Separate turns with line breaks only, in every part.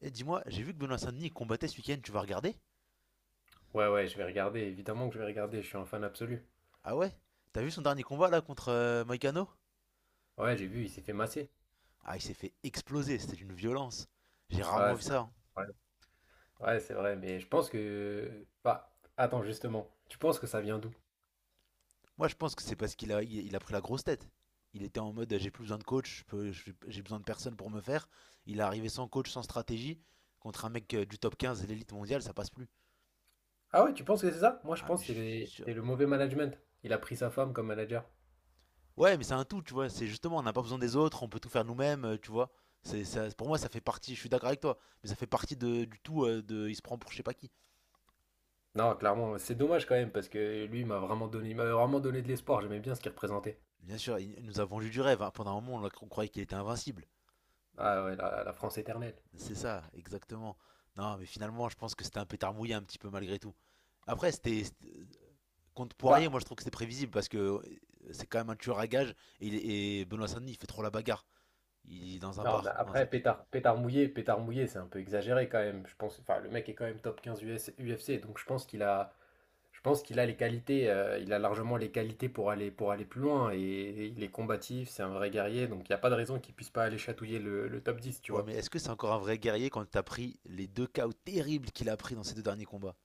Et dis-moi, j'ai vu que Benoît Saint-Denis combattait ce week-end, tu vas regarder?
Ouais, ouais, je vais regarder, évidemment que je vais regarder, je suis un fan absolu.
Ah ouais? T'as vu son dernier combat là contre Moïcano?
Ouais, j'ai vu, il s'est fait masser.
Ah, il s'est fait exploser, c'était une violence. J'ai
Ouais,
rarement vu
c'est
ça, hein.
ouais. Ouais, c'est vrai, Bah, attends, justement, tu penses que ça vient d'où?
Moi, je pense que c'est parce qu'il a pris la grosse tête. Il était en mode j'ai plus besoin de coach, j'ai besoin de personne pour me faire. Il est arrivé sans coach, sans stratégie, contre un mec du top 15, l'élite mondiale, ça passe plus.
Ah ouais, tu penses que c'est ça? Moi, je
Ah,
pense
mais je
que
suis.
c'est le mauvais management. Il a pris sa femme comme manager.
Ouais, mais c'est un tout, tu vois. C'est justement, on n'a pas besoin des autres, on peut tout faire nous-mêmes, tu vois. C'est ça, pour moi, ça fait partie. Je suis d'accord avec toi, mais ça fait partie de, du tout. Il se prend pour je sais pas qui.
Non, clairement, c'est dommage quand même, parce que lui, il m'a vraiment donné de l'espoir, j'aimais bien ce qu'il représentait.
Bien sûr, il nous a vendu du rêve, hein. Pendant un moment, on croyait qu'il était invincible.
Ah ouais, la France éternelle.
C'est ça, exactement. Non, mais finalement, je pense que c'était un pétard mouillé un petit peu malgré tout. Après, contre Poirier,
Bah,
moi, je trouve que c'était prévisible parce que c'est quand même un tueur à gages. Et Benoît Saint-Denis, il fait trop la bagarre. Il est dans un
non, mais
bar dans sa
après,
tête.
pétard, pétard mouillé, c'est un peu exagéré quand même. Je pense, enfin, le mec est quand même top 15 US, UFC, donc je pense qu'il a... Je pense qu'il a les qualités, il a largement les qualités pour aller plus loin. Et il est combatif, c'est un vrai guerrier, donc il n'y a pas de raison qu'il puisse pas aller chatouiller le top 10, tu
Ouais,
vois.
mais est-ce que c'est encore un vrai guerrier quand t'as pris les deux KO terribles qu'il a pris dans ces deux derniers combats?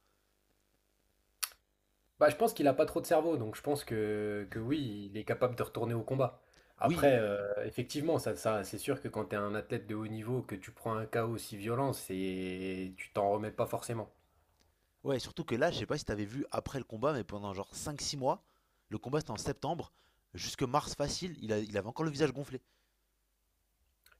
Bah, je pense qu'il a pas trop de cerveau, donc je pense que oui, il est capable de retourner au combat. Après,
Oui,
effectivement, ça, c'est sûr que quand tu es un athlète de haut niveau, que tu prends un KO aussi violent, tu t'en remets pas forcément.
ouais, surtout que là, je sais pas si t'avais vu après le combat, mais pendant genre cinq six mois, le combat c'était en septembre, jusque mars facile, il avait encore le visage gonflé.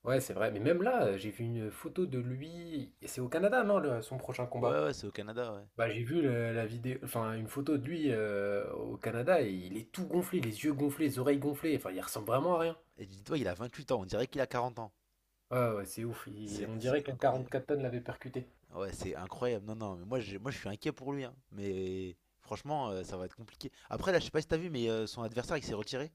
Ouais, c'est vrai. Mais même là, j'ai vu une photo de lui, et c'est au Canada, non, son prochain
Ouais,
combat?
ouais, c'est au Canada, ouais.
Bah, j'ai vu la vidéo, enfin une photo de lui au Canada et il est tout gonflé, les yeux gonflés, les oreilles gonflées, enfin il ressemble vraiment à rien.
Et dis-toi, il a 28 ans, on dirait qu'il a 40 ans.
Ouais, ouais, c'est ouf,
C'est
on
c'est
dirait qu'un
incroyable.
4 tonnes l'avait percuté.
Ouais, c'est incroyable. Non, non, mais moi, moi je suis inquiet pour lui, hein. Mais franchement, ça va être compliqué. Après, là, je sais pas si t'as vu, mais son adversaire, il s'est retiré.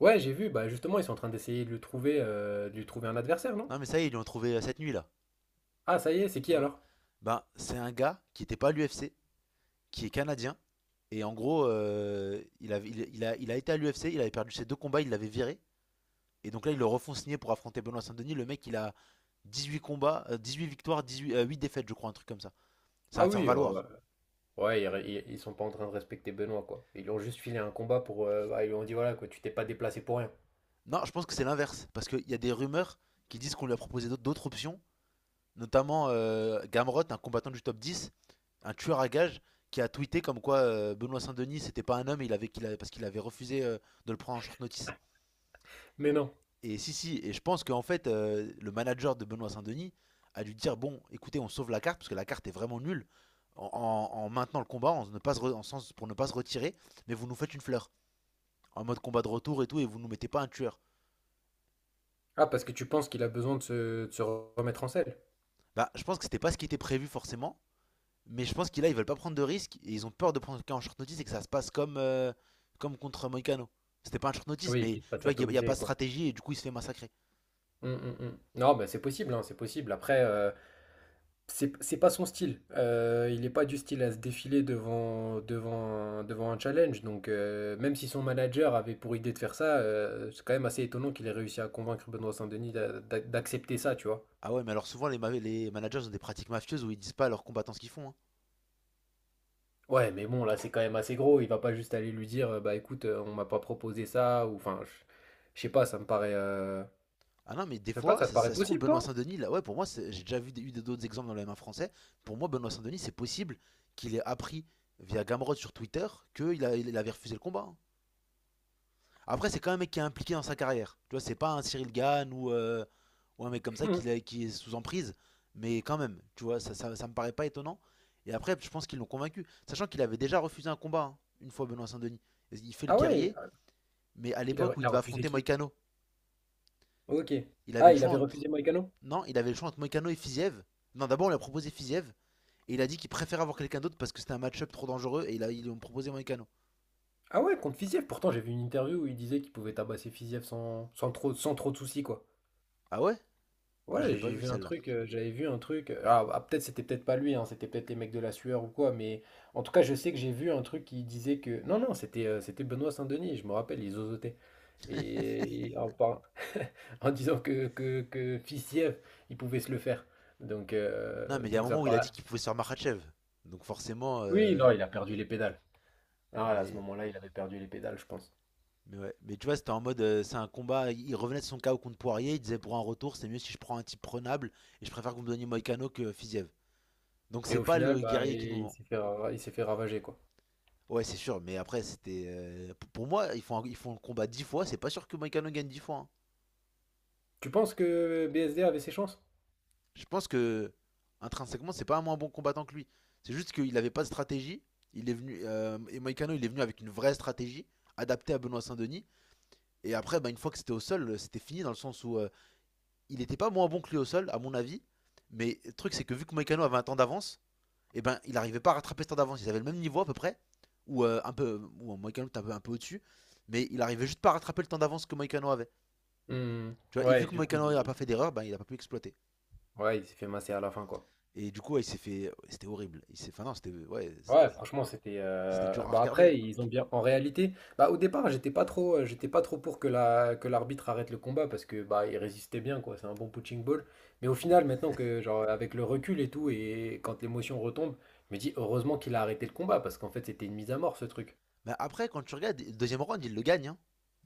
Ouais, j'ai vu, bah justement, ils sont en train d'essayer de lui trouver un adversaire, non?
Non, mais ça y est, ils lui ont trouvé cette nuit, là.
Ah, ça y est, c'est qui
Oh.
alors?
Ben, c'est un gars qui n'était pas à l'UFC, qui est canadien. Et en gros, il, avait- il a été à l'UFC, il avait perdu ses deux combats, il l'avait viré. Et donc là, ils le refont signer pour affronter Benoît Saint-Denis. Le mec, il a 18 combats, huit victoires, 18, 8 défaites, je crois, un truc comme ça. Ça
Ah
va faire
oui,
valoir.
ouais, ouais, ils sont pas en train de respecter Benoît, quoi. Ils lui ont juste filé un combat pour. Bah, ils lui ont dit, voilà, quoi, tu t'es pas déplacé pour rien.
Non, je pense que c'est l'inverse. Parce qu'il y a des rumeurs qui disent qu'on lui a proposé d'autres options, notamment Gamrot, un combattant du top 10, un tueur à gages, qui a tweeté comme quoi Benoît Saint-Denis, c'était pas un homme, il avait, qu'il avait- parce qu'il avait refusé de le prendre en short notice.
Mais non.
Et si, si, et je pense qu'en fait, le manager de Benoît Saint-Denis a dû dire bon, écoutez, on sauve la carte parce que la carte est vraiment nulle en, en maintenant le combat, en sens pour ne pas se retirer, mais vous nous faites une fleur en mode combat de retour et tout, et vous nous mettez pas un tueur.
Ah, parce que tu penses qu'il a besoin de se remettre en selle?
Bah, je pense que c'était pas ce qui était prévu forcément, mais je pense qu'ils là ils veulent pas prendre de risques et ils ont peur de prendre quelqu'un en short notice et que ça se passe comme comme contre Moicano. C'était pas un short notice,
Oui,
mais
qu'il se
tu
passe
vois qu'il n'y a pas
atomiser,
de
quoi.
stratégie et du coup il se fait massacrer.
Mm, mm, mm. Non, mais c'est possible, hein, c'est possible. Après, c'est pas son style. Il n'est pas du style à se défiler devant un challenge. Donc, même si son manager avait pour idée de faire ça, c'est quand même assez étonnant qu'il ait réussi à convaincre Benoît Saint-Denis d'accepter ça, tu vois.
Ah ouais, mais alors souvent les managers ont des pratiques mafieuses où ils disent pas à leurs combattants ce qu'ils font, hein.
Ouais, mais bon, là, c'est quand même assez gros. Il va pas juste aller lui dire, bah écoute, on m'a pas proposé ça, ou enfin, je sais pas, ça me paraît.
Ah non, mais des
Je sais pas,
fois,
ça te
ça,
paraît
ça se trouve,
possible,
Benoît
toi?
Saint-Denis, là, ouais, pour moi, j'ai déjà vu eu d'autres exemples dans le M1 français. Pour moi, Benoît Saint-Denis, c'est possible qu'il ait appris via Gamrod sur Twitter qu'il avait refusé le combat, hein. Après, c'est quand même un mec qui est impliqué dans sa carrière. Tu vois, c'est pas un Cyril Gann ou un mec comme ça
Hmm.
qui est sous emprise. Mais quand même, tu vois, ça me paraît pas étonnant. Et après, je pense qu'ils l'ont convaincu. Sachant qu'il avait déjà refusé un combat, hein, une fois Benoît Saint-Denis. Il fait le
Ah ouais,
guerrier, mais à
il a,
l'époque où
il
il
a
devait
refusé
affronter
qui?
Moïcano,
Ok.
il avait
Ah,
le
il
choix
avait
entre.
refusé Moïcano?
Non, il avait le choix entre Moïcano et Fiziev. Non, d'abord, on lui a proposé Fiziev. Et il a dit qu'il préfère avoir quelqu'un d'autre parce que c'était un match-up trop dangereux. Et ils lui ont proposé Moïcano.
Ah ouais, contre Fiziev, pourtant j'ai vu une interview où il disait qu'il pouvait tabasser Fiziev sans trop de soucis, quoi.
Ah ouais. Ah, je
Ouais,
l'ai pas
j'ai
vu
vu un
celle-là.
truc, j'avais vu un truc. Ah, ah, peut-être c'était peut-être pas lui, hein, c'était peut-être les mecs de la sueur ou quoi, mais en tout cas, je sais que j'ai vu un truc qui disait que. Non, non, c'était c'était Benoît Saint-Denis, je me rappelle, ils zozotait. Et en disant que Fiziev, il pouvait se le faire. Donc,
Non,
euh,
mais il y a un
donc ça
moment
me
où il a
paraît.
dit qu'il pouvait se faire Makhachev. Donc forcément.
Oui, non, il a perdu les pédales. Ah, à ce
Mais.
moment-là, il avait perdu les pédales, je pense.
Mais ouais, mais tu vois, c'était en mode, c'est un combat, il revenait de son KO contre Poirier, il disait pour un retour, c'est mieux si je prends un type prenable, et je préfère que vous me donniez Moïcano que Fiziev. Donc
Et
c'est
au
pas
final,
le
bah,
guerrier qui nous
il
vend.
s'est fait, ra- il s'est fait ravager, quoi.
Ouais, c'est sûr, mais après, c'était. Pour moi, ils font le combat 10 fois, c'est pas sûr que Moïcano gagne 10 fois, hein.
Tu penses que BSD avait ses chances?
Je pense que intrinsèquement, c'est pas un moins bon combattant que lui. C'est juste qu'il n'avait pas de stratégie. Il est venu et Moïcano, il est venu avec une vraie stratégie adaptée à Benoît Saint-Denis. Et après, bah, une fois que c'était au sol, c'était fini dans le sens où il n'était pas moins bon que lui au sol, à mon avis. Mais le truc, c'est que vu que Moïcano avait un temps d'avance, et ben, il n'arrivait pas à rattraper ce temps d'avance. Ils avaient le même niveau à peu près, ou Moïcano était un peu au-dessus, mais il arrivait juste pas à rattraper le temps d'avance que Moïcano avait.
Hmm.
Tu vois, et vu
Ouais,
que
du coup,
Moïcano n'a pas fait d'erreur, ben, il n'a pas pu exploiter.
ouais, il s'est fait masser à la fin, quoi.
Et du coup, ouais, il s'est fait. C'était horrible. Il s'est. Enfin, non, c'était. Ouais,
Ouais,
c'était-
franchement, c'était.
c'était dur à
Bah
regarder.
après,
hein.
ils ont bien. En réalité, bah au départ, j'étais pas trop pour que l'arbitre arrête le combat parce que bah il résistait bien, quoi. C'est un bon punching ball. Mais au final, maintenant que genre avec le recul et tout et quand l'émotion retombe, je me dis heureusement qu'il a arrêté le combat parce qu'en fait, c'était une mise à mort ce truc.
Mais après, quand tu regardes, le deuxième round, il le gagne, hein.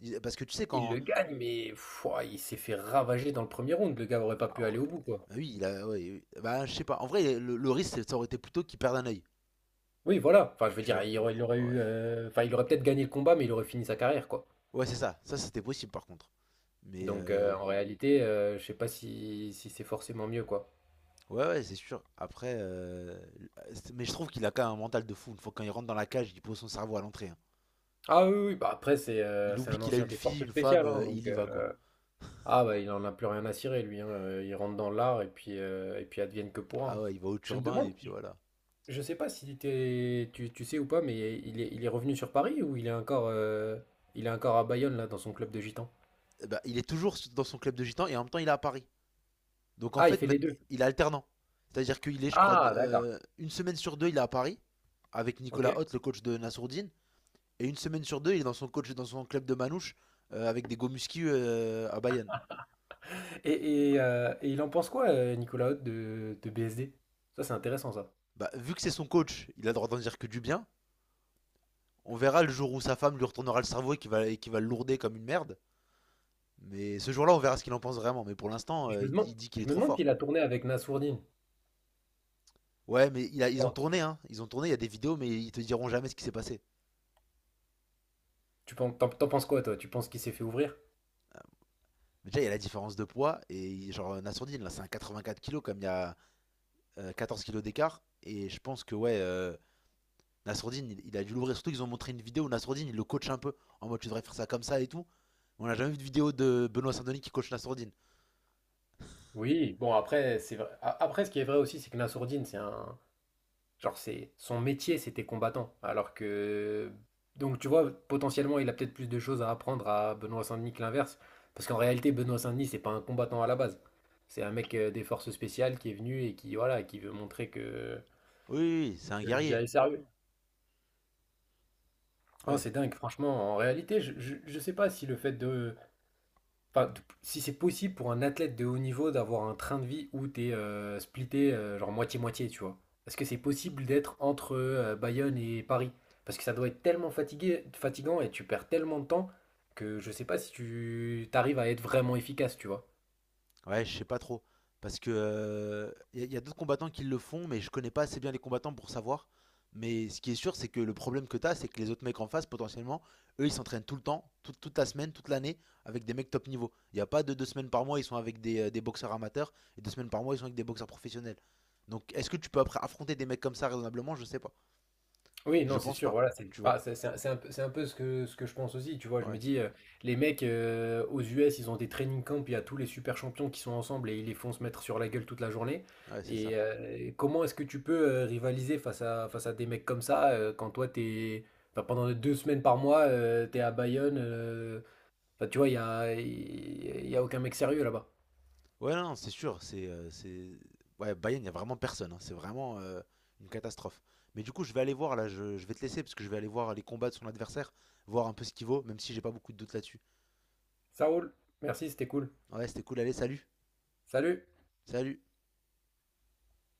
Parce que tu sais,
Il
quand.
le gagne, mais pouah, il s'est fait ravager dans le premier round. Le gars aurait pas
Ah
pu
ouais.
aller au bout, quoi.
Bah oui, il a. Ouais, oui. Bah, je sais pas. En vrai, le risque, ça aurait été plutôt qu'il perde un œil.
Oui, voilà. Enfin, je veux
Tu
dire,
vois. Ouais.
enfin, il aurait peut-être gagné le combat, mais il aurait fini sa carrière, quoi.
Ouais, c'est ça. Ça, c'était possible, par contre. Mais.
Donc, en réalité, je sais pas si c'est forcément mieux, quoi.
Ouais, ouais, c'est sûr. Après. Mais je trouve qu'il a quand même un mental de fou. Une fois quand il rentre dans la cage, il pose son cerveau à l'entrée, hein.
Ah oui, oui, bah après, c'est euh,
Il
c'est
oublie
un
qu'il a
ancien
une
des
fille,
forces
une femme,
spéciales, hein,
et il y va, quoi.
Ah bah, il en a plus rien à cirer, lui, hein. Il rentre dans l'art, et puis advienne que pourra,
Ah
hein.
ouais, il va au
Je me
turbin, et
demande,
puis voilà.
Je sais pas si tu sais ou pas, mais il est revenu sur Paris ou il est encore à Bayonne là dans son club de gitans?
Eh ben, il est toujours dans son club de gitan et en même temps il est à Paris. Donc en
Ah, il
fait,
fait les deux.
il est alternant. C'est-à-dire qu'il est, je crois,
Ah, d'accord.
une semaine sur deux, il est à Paris avec
Ok.
Nicolas Hoth, le coach de Nassourdine, et une semaine sur deux, il est dans son coach dans son club de Manouche avec des Gomuski à Bayonne.
Et il en pense quoi, Nicolas Hott de BSD? Ça, c'est intéressant ça.
Bah, vu que c'est son coach, il a le droit d'en dire que du bien. On verra le jour où sa femme lui retournera le cerveau et qu'il va, le lourder comme une merde. Mais ce jour-là, on verra ce qu'il en pense vraiment. Mais pour l'instant,
Et je me
il,
demande,
il dit qu'il
je
est
me
trop
demande
fort.
s'il a tourné avec Nassourdine.
Ouais, mais
Je
ils ont
pense.
tourné, hein. Ils ont tourné, il y a des vidéos, mais ils te diront jamais ce qui s'est passé.
Tu penses, t'en penses quoi toi? Tu penses qu'il s'est fait ouvrir?
Déjà, il y a la différence de poids. Et genre, Nassourdine, là, c'est un 84 kilos comme il y a 14 kilos d'écart. Et je pense que, ouais, Nassourdine, il a dû l'ouvrir. Surtout qu'ils ont montré une vidéo où Nassourdine, il le coach un peu. En mode, tu devrais faire ça comme ça et tout. On n'a jamais vu de vidéo de Benoît Saint-Denis qui coach Nassourdine.
Oui. Bon après, c'est vrai. Après, ce qui est vrai aussi, c'est que Nassourdine, c'est un, Genre, c'est son métier, c'était combattant. Alors que. Donc, tu vois, potentiellement, il a peut-être plus de choses à apprendre à Benoît Saint-Denis que l'inverse. Parce qu'en réalité, Benoît Saint-Denis, c'est pas un combattant à la base. C'est un mec des forces spéciales qui est venu et qui, voilà, qui veut montrer que.
Oui, oui, oui, c'est un
Que le
guerrier.
gars est sérieux. Ah,
Ouais.
c'est dingue, franchement. En réalité, je sais pas si le fait de, Enfin, si c'est possible pour un athlète de haut niveau d'avoir un train de vie où t'es splitté genre moitié-moitié, tu vois. Est-ce que c'est possible d'être entre Bayonne et Paris? Parce que ça doit être tellement fatigant et tu perds tellement de temps que je sais pas si tu t'arrives à être vraiment efficace, tu vois.
Ouais, je sais pas trop. Parce que y a d'autres combattants qui le font, mais je connais pas assez bien les combattants pour savoir. Mais ce qui est sûr, c'est que le problème que t'as, c'est que les autres mecs en face, potentiellement, eux, ils s'entraînent tout le temps, toute la semaine, toute l'année, avec des mecs top niveau. Il n'y a pas de deux semaines par mois, ils sont avec des boxeurs amateurs, et deux semaines par mois, ils sont avec des boxeurs professionnels. Donc, est-ce que tu peux après affronter des mecs comme ça raisonnablement? Je sais pas.
Oui,
Je
non, c'est
pense
sûr,
pas.
voilà, c'est
Tu
pas,
vois.
c'est un peu ce que je pense aussi, tu vois, je me
Ouais,
dis, les mecs aux US, ils ont des training camps, il y a tous les super champions qui sont ensemble et ils les font se mettre sur la gueule toute la journée,
ouais, c'est
et
ça.
comment est-ce que tu peux rivaliser face à des mecs comme ça, quand toi, t'es, enfin, pendant 2 semaines par mois, t'es à Bayonne, enfin, tu vois, il y a aucun mec sérieux là-bas.
Ouais, non, c'est sûr. C'est... Ouais, Bayern, il n'y a vraiment personne, hein. C'est vraiment une catastrophe. Mais du coup, je vais aller voir, là, je vais te laisser, parce que je vais aller voir les combats de son adversaire, voir un peu ce qu'il vaut, même si j'ai pas beaucoup de doutes là-dessus.
Ça roule, merci, c'était cool.
Ouais, c'était cool, allez, salut.
Salut!
Salut.